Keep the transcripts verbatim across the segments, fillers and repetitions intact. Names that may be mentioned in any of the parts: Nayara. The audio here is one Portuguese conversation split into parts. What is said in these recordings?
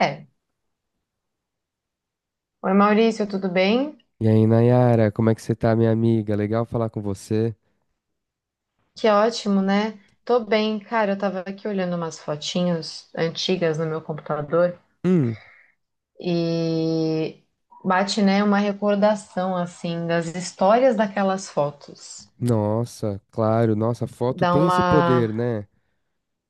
É. Oi, Maurício, tudo bem? E aí, Nayara, como é que você tá, minha amiga? Legal falar com você. Que ótimo, né? Tô bem, cara. Eu tava aqui olhando umas fotinhas antigas no meu computador Hum, e bate, né, uma recordação, assim, das histórias daquelas fotos. nossa, claro, nossa, a foto Dá tem esse uma, poder, né?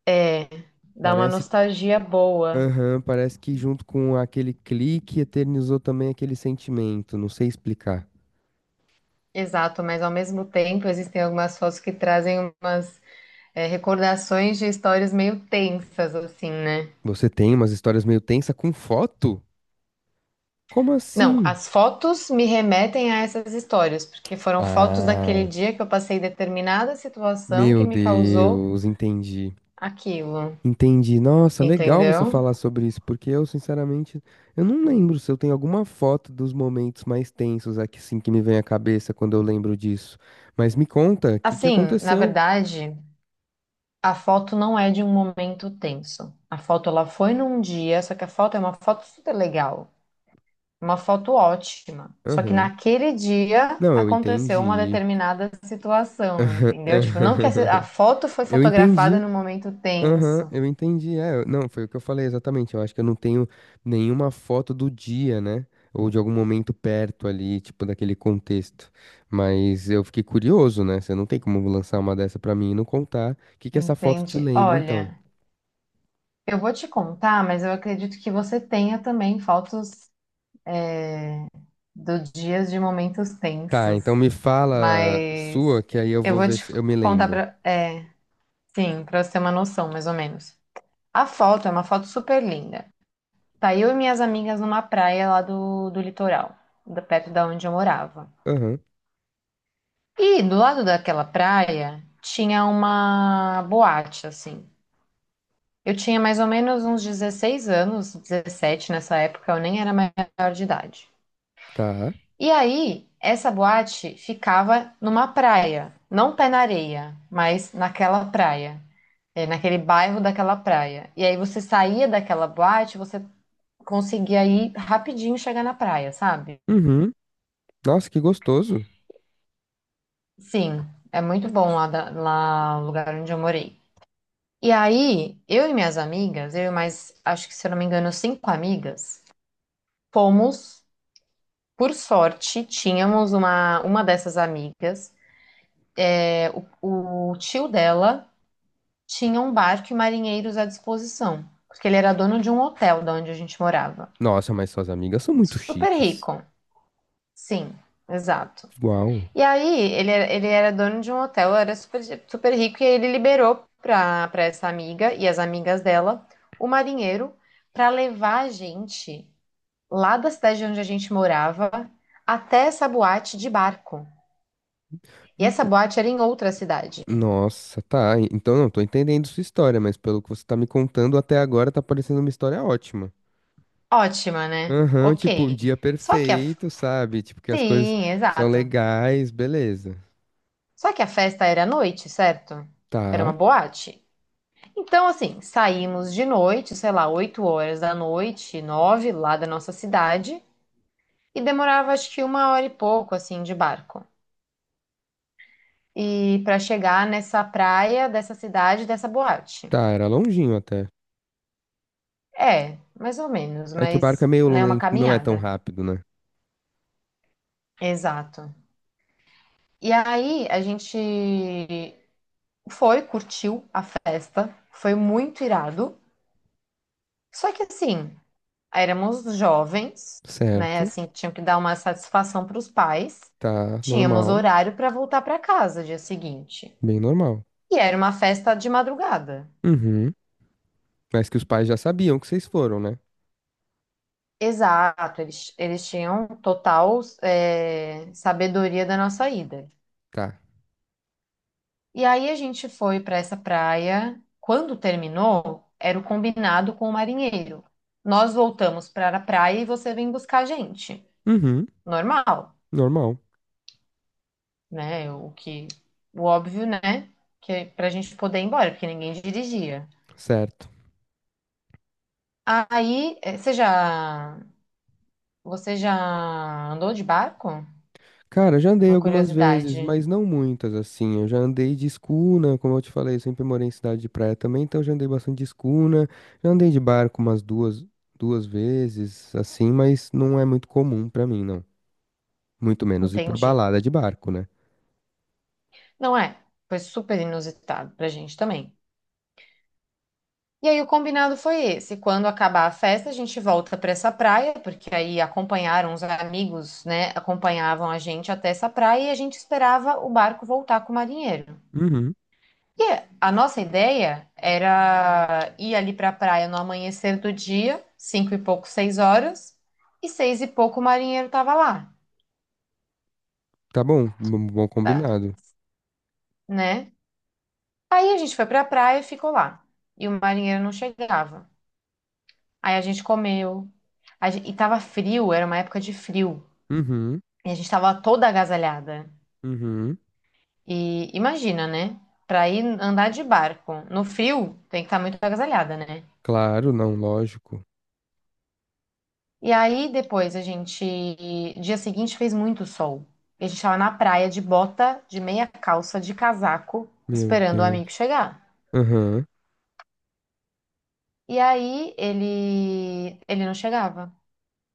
é, dá uma Parece, nostalgia boa. aham, parece que junto com aquele clique eternizou também aquele sentimento, não sei explicar. Exato, mas ao mesmo tempo existem algumas fotos que trazem umas, é, recordações de histórias meio tensas, assim, né? Você tem umas histórias meio tensa com foto? Como Não, assim? as fotos me remetem a essas histórias, porque foram fotos daquele Ah, dia que eu passei determinada situação que meu me causou Deus, entendi. aquilo, Entendi. Nossa, legal você entendeu? falar sobre isso, porque eu, sinceramente, eu não lembro se eu tenho alguma foto dos momentos mais tensos aqui, assim, que me vem à cabeça quando eu lembro disso. Mas me conta, o que que Assim, na aconteceu? verdade, a foto não é de um momento tenso. A foto ela foi num dia, só que a foto é uma foto super legal, uma foto ótima. Só que Aham. naquele dia Não, eu aconteceu uma entendi. determinada situação, entendeu? Tipo, não que a a foto foi Eu fotografada entendi. num momento Aham, tenso, eu entendi. É, eu- não, foi o que eu falei exatamente. Eu acho que eu não tenho nenhuma foto do dia, né? Ou de algum momento perto ali, tipo, daquele contexto. Mas eu fiquei curioso, né? Você não tem como lançar uma dessa pra mim e não contar. O que que essa foto te entende? lembra, então? Olha. Eu vou te contar, mas eu acredito que você tenha também fotos do dias de momentos Tá, tensos. então me fala Mas sua, que aí eu eu vou vou ver te se eu me contar lembro. para, é, sim, para você ter uma noção, mais ou menos. A foto é uma foto super linda. Tá eu e minhas amigas numa praia lá do, do litoral, da- perto da onde eu morava. Aham, E do lado daquela praia tinha uma boate, assim. Eu tinha mais ou menos uns dezesseis anos, dezessete nessa época, eu nem era maior de idade. tá. E aí, essa boate ficava numa praia, não pé na areia, mas naquela praia, é, naquele bairro daquela praia. E aí você saía daquela boate, você conseguia ir rapidinho chegar na praia, sabe? Uhum. Nossa, que gostoso. Sim, é muito bom lá, da- lá no lugar onde eu morei. E aí, eu e minhas amigas, eu e mais, acho que se eu não me engano, cinco amigas, fomos, por sorte, tínhamos uma, uma dessas amigas, é, o tio dela tinha um barco e marinheiros à disposição, porque ele era dono de um hotel da onde a gente morava. Nossa, mas suas amigas são muito Super chiques. rico, sim, exato. Uau. E aí, ele era, ele era dono de um hotel, era super, super rico, e aí ele liberou para para essa amiga e as amigas dela o marinheiro para levar a gente lá da cidade onde a gente morava até essa boate de barco. E essa boate era em outra cidade. Nossa, tá. en- Então não tô entendendo sua história, mas pelo que você tá me contando até agora tá parecendo uma história ótima. Ótima, né? Aham, tipo, um Ok. dia Só que a. perfeito, sabe? Tipo, que as coisas Sim, são exato. legais, beleza. Só que a festa era à noite, certo? Era uma Tá, boate. Então, assim, saímos de noite, sei lá, oito horas da noite, nove, lá da nossa cidade, e demorava acho que uma hora e pouco, assim, de barco. E para chegar nessa praia dessa cidade, dessa boate. tá, era longinho até. É, mais ou menos, É que o barco é mas, meio né, uma lento, não é tão caminhada. rápido, né? Exato. E aí a gente foi, curtiu a festa, foi muito irado. Só que assim, éramos jovens, né? Certo, Assim, que tinham que dar uma satisfação para os pais. tá, Tínhamos normal, horário para voltar para casa dia seguinte. bem normal. E era uma festa de madrugada. Uhum. Mas que os pais já sabiam que vocês foram, né? Exato, eles, eles tinham total é, sabedoria da nossa ida. Tá. E aí a gente foi para essa praia. Quando terminou, era o combinado com o marinheiro. Nós voltamos para a praia e você vem buscar a gente. Uhum, Normal. normal, Né? O que, o óbvio, né? Que é pra gente poder ir embora, porque ninguém dirigia. certo. Aí, eh, você já, você já andou de barco? Cara, já andei Uma algumas vezes, curiosidade. mas não muitas, assim. Eu já andei de escuna, como eu te falei, eu sempre morei em cidade de praia também, então eu já andei bastante de escuna. Já andei de barco umas duas, duas vezes, assim, mas não é muito comum pra mim, não. Muito menos ir pra Entendi. balada de barco, né? Não é? Foi super inusitado pra gente também. E aí o combinado foi esse. Quando acabar a festa, a gente volta pra essa praia, porque aí acompanharam os amigos, né? Acompanhavam a gente até essa praia e a gente esperava o barco voltar com o marinheiro. Uhum. E a nossa ideia era ir ali para a praia no amanhecer do dia, cinco e pouco, seis horas, e seis e pouco o marinheiro estava lá, Tá bom, bom bom tá? combinado. Né? Aí a gente foi para a praia e ficou lá. E o marinheiro não chegava. Aí a gente comeu. A gen- e tava frio, era uma época de frio. Uhum, E a gente tava toda agasalhada. uhum. E imagina, né? Para ir andar de barco no frio, tem que estar muito agasalhada, né? Claro, não, lógico. E aí depois a gente, dia seguinte fez muito sol. E a gente tava na praia de bota, de meia calça, de casaco, Meu esperando o Deus. amigo chegar. Aham, E aí ele, ele não chegava.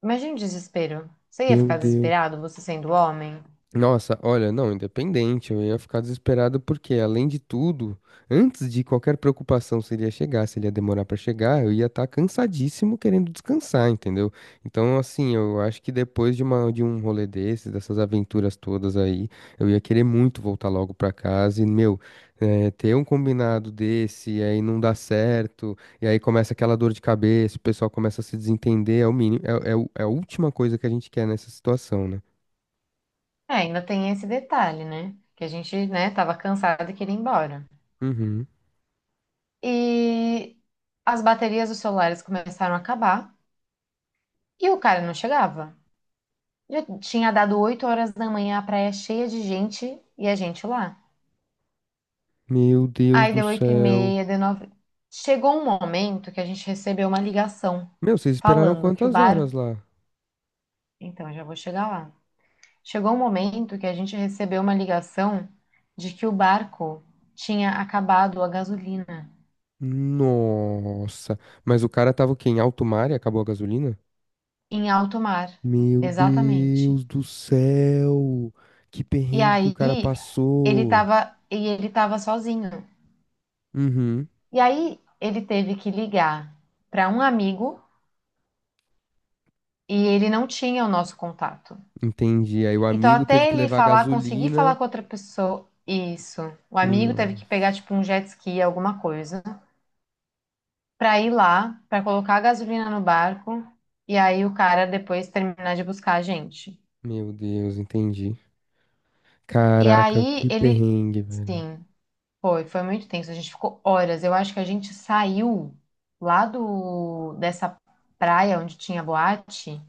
Imagina o desespero. Você ia meu ficar Deus. desesperado, você sendo homem? Nossa, olha, não, independente, eu ia ficar desesperado porque, além de tudo, antes de qualquer preocupação se ele ia chegar, se ele ia demorar pra chegar, eu ia estar cansadíssimo querendo descansar, entendeu? Então, assim, eu acho que depois de uma, de um rolê desses, dessas aventuras todas aí, eu ia querer muito voltar logo pra casa e, meu, eh, ter um combinado desse, e aí não dá certo, e aí começa aquela dor de cabeça, o pessoal começa a se desentender, é o mínimo, é, é, o- é a última coisa que a gente quer nessa situação, né? É, ainda tem esse detalhe, né? Que a gente, né, tava cansado e queria ir embora. Uhum. E as baterias dos celulares começaram a acabar e o cara não chegava. Já tinha dado oito horas da manhã, a praia cheia de gente e a gente lá. Meu Deus Aí do deu oito e céu. meia, deu nove. Chegou um momento que a gente recebeu uma ligação Meu, vocês esperaram falando que o quantas bar. horas lá? Então, já vou chegar lá. Chegou um momento que a gente recebeu uma ligação de que o barco tinha acabado a gasolina Nossa. Mas o cara tava o quê? Em alto mar e acabou a gasolina? em alto mar. Meu Exatamente. Deus do céu. Que E perrengue que o aí cara ele passou. tava, e ele tava sozinho. Uhum. E aí ele teve que ligar para um amigo e ele não tinha o nosso contato. Entendi. Aí o Então, amigo teve até que ele levar falar, conseguir falar gasolina. com outra pessoa, isso. O amigo teve Nossa. que pegar, tipo, um jet ski, alguma coisa, pra ir lá, pra colocar a gasolina no barco, e aí o cara depois terminar de buscar a gente. Meu Deus, entendi. E Caraca, aí que ele, perrengue, velho. sim, foi, foi muito tenso. A gente ficou horas. Eu acho que a gente saiu lá do, dessa praia onde tinha boate,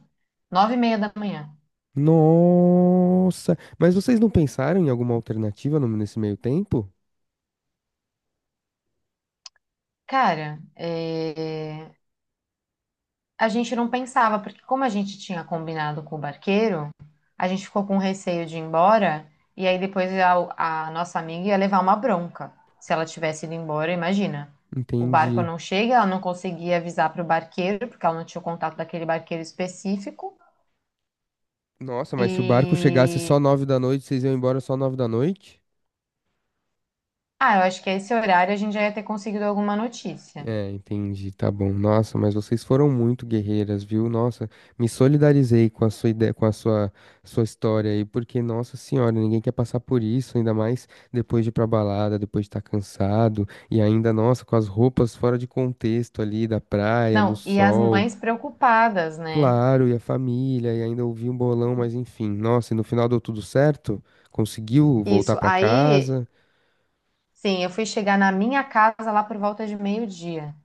nove e meia da manhã. Nossa. Mas vocês não pensaram em alguma alternativa no- nesse meio tempo? Cara, é, a gente não pensava, porque como a gente tinha combinado com o barqueiro, a gente ficou com receio de ir embora, e aí depois a, a nossa amiga ia levar uma bronca. Se ela tivesse ido embora, imagina. O barco Entendi. não chega, ela não conseguia avisar para o barqueiro, porque ela não tinha o contato daquele barqueiro específico. Nossa, mas se o barco chegasse só E. nove da noite, vocês iam embora só nove da noite? Ah, eu acho que a esse horário a gente já ia ter conseguido alguma notícia. É, entendi, tá bom. Nossa, mas vocês foram muito guerreiras, viu? Nossa, me solidarizei com a sua ideia, com a sua, sua história aí, porque, nossa senhora, ninguém quer passar por isso, ainda mais depois de ir pra balada, depois de estar cansado, e ainda, nossa, com as roupas fora de contexto ali, da praia, no Não, e as sol. mães preocupadas, né? Claro, e a família, e ainda ouvi um bolão, mas enfim, nossa, e no final deu tudo certo? Conseguiu voltar Isso. pra Aí, casa? sim, eu fui chegar na minha casa lá por volta de meio-dia.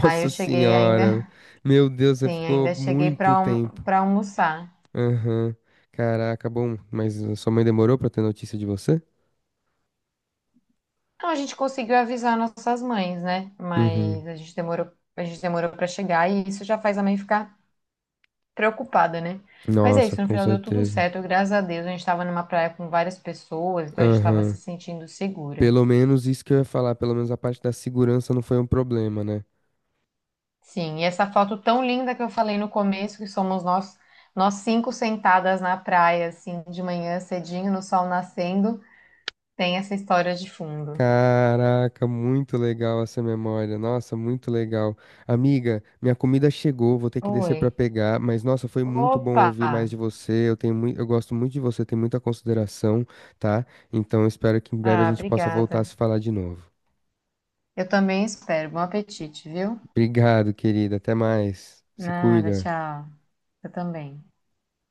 Aí eu cheguei senhora. ainda, Meu Deus, você sim, ficou ainda cheguei muito para tempo. para almoçar. Aham. Caraca, bom, mas a sua mãe demorou pra ter notícia de você? Então a gente conseguiu avisar nossas mães, né? Uhum. Mas a gente demorou, a gente demorou para chegar e isso já faz a mãe ficar preocupada, né? Mas é Nossa, isso, no com final deu tudo certeza. certo, graças a Deus. A gente estava numa praia com várias pessoas, então a gente estava se Aham. sentindo segura. Pelo menos isso que eu ia falar, pelo menos a parte da segurança não foi um problema, né? Sim, e essa foto tão linda que eu falei no começo, que somos nós, nós cinco sentadas na praia, assim, de manhã cedinho, no sol nascendo, tem essa história de fundo. Caraca, muito legal essa memória. Nossa, muito legal. Amiga, minha comida chegou, vou ter que descer pra Oi. pegar, mas nossa, foi muito bom Opa! ouvir mais de você. Eu tenho muito, eu gosto muito de você, tenho muita consideração, tá? Então espero que em breve a Ah, gente possa voltar a obrigada. se falar de novo. Eu também espero. Bom apetite, viu? Obrigado, querida. Até mais. Se Nada, cuida. tchau. Eu também.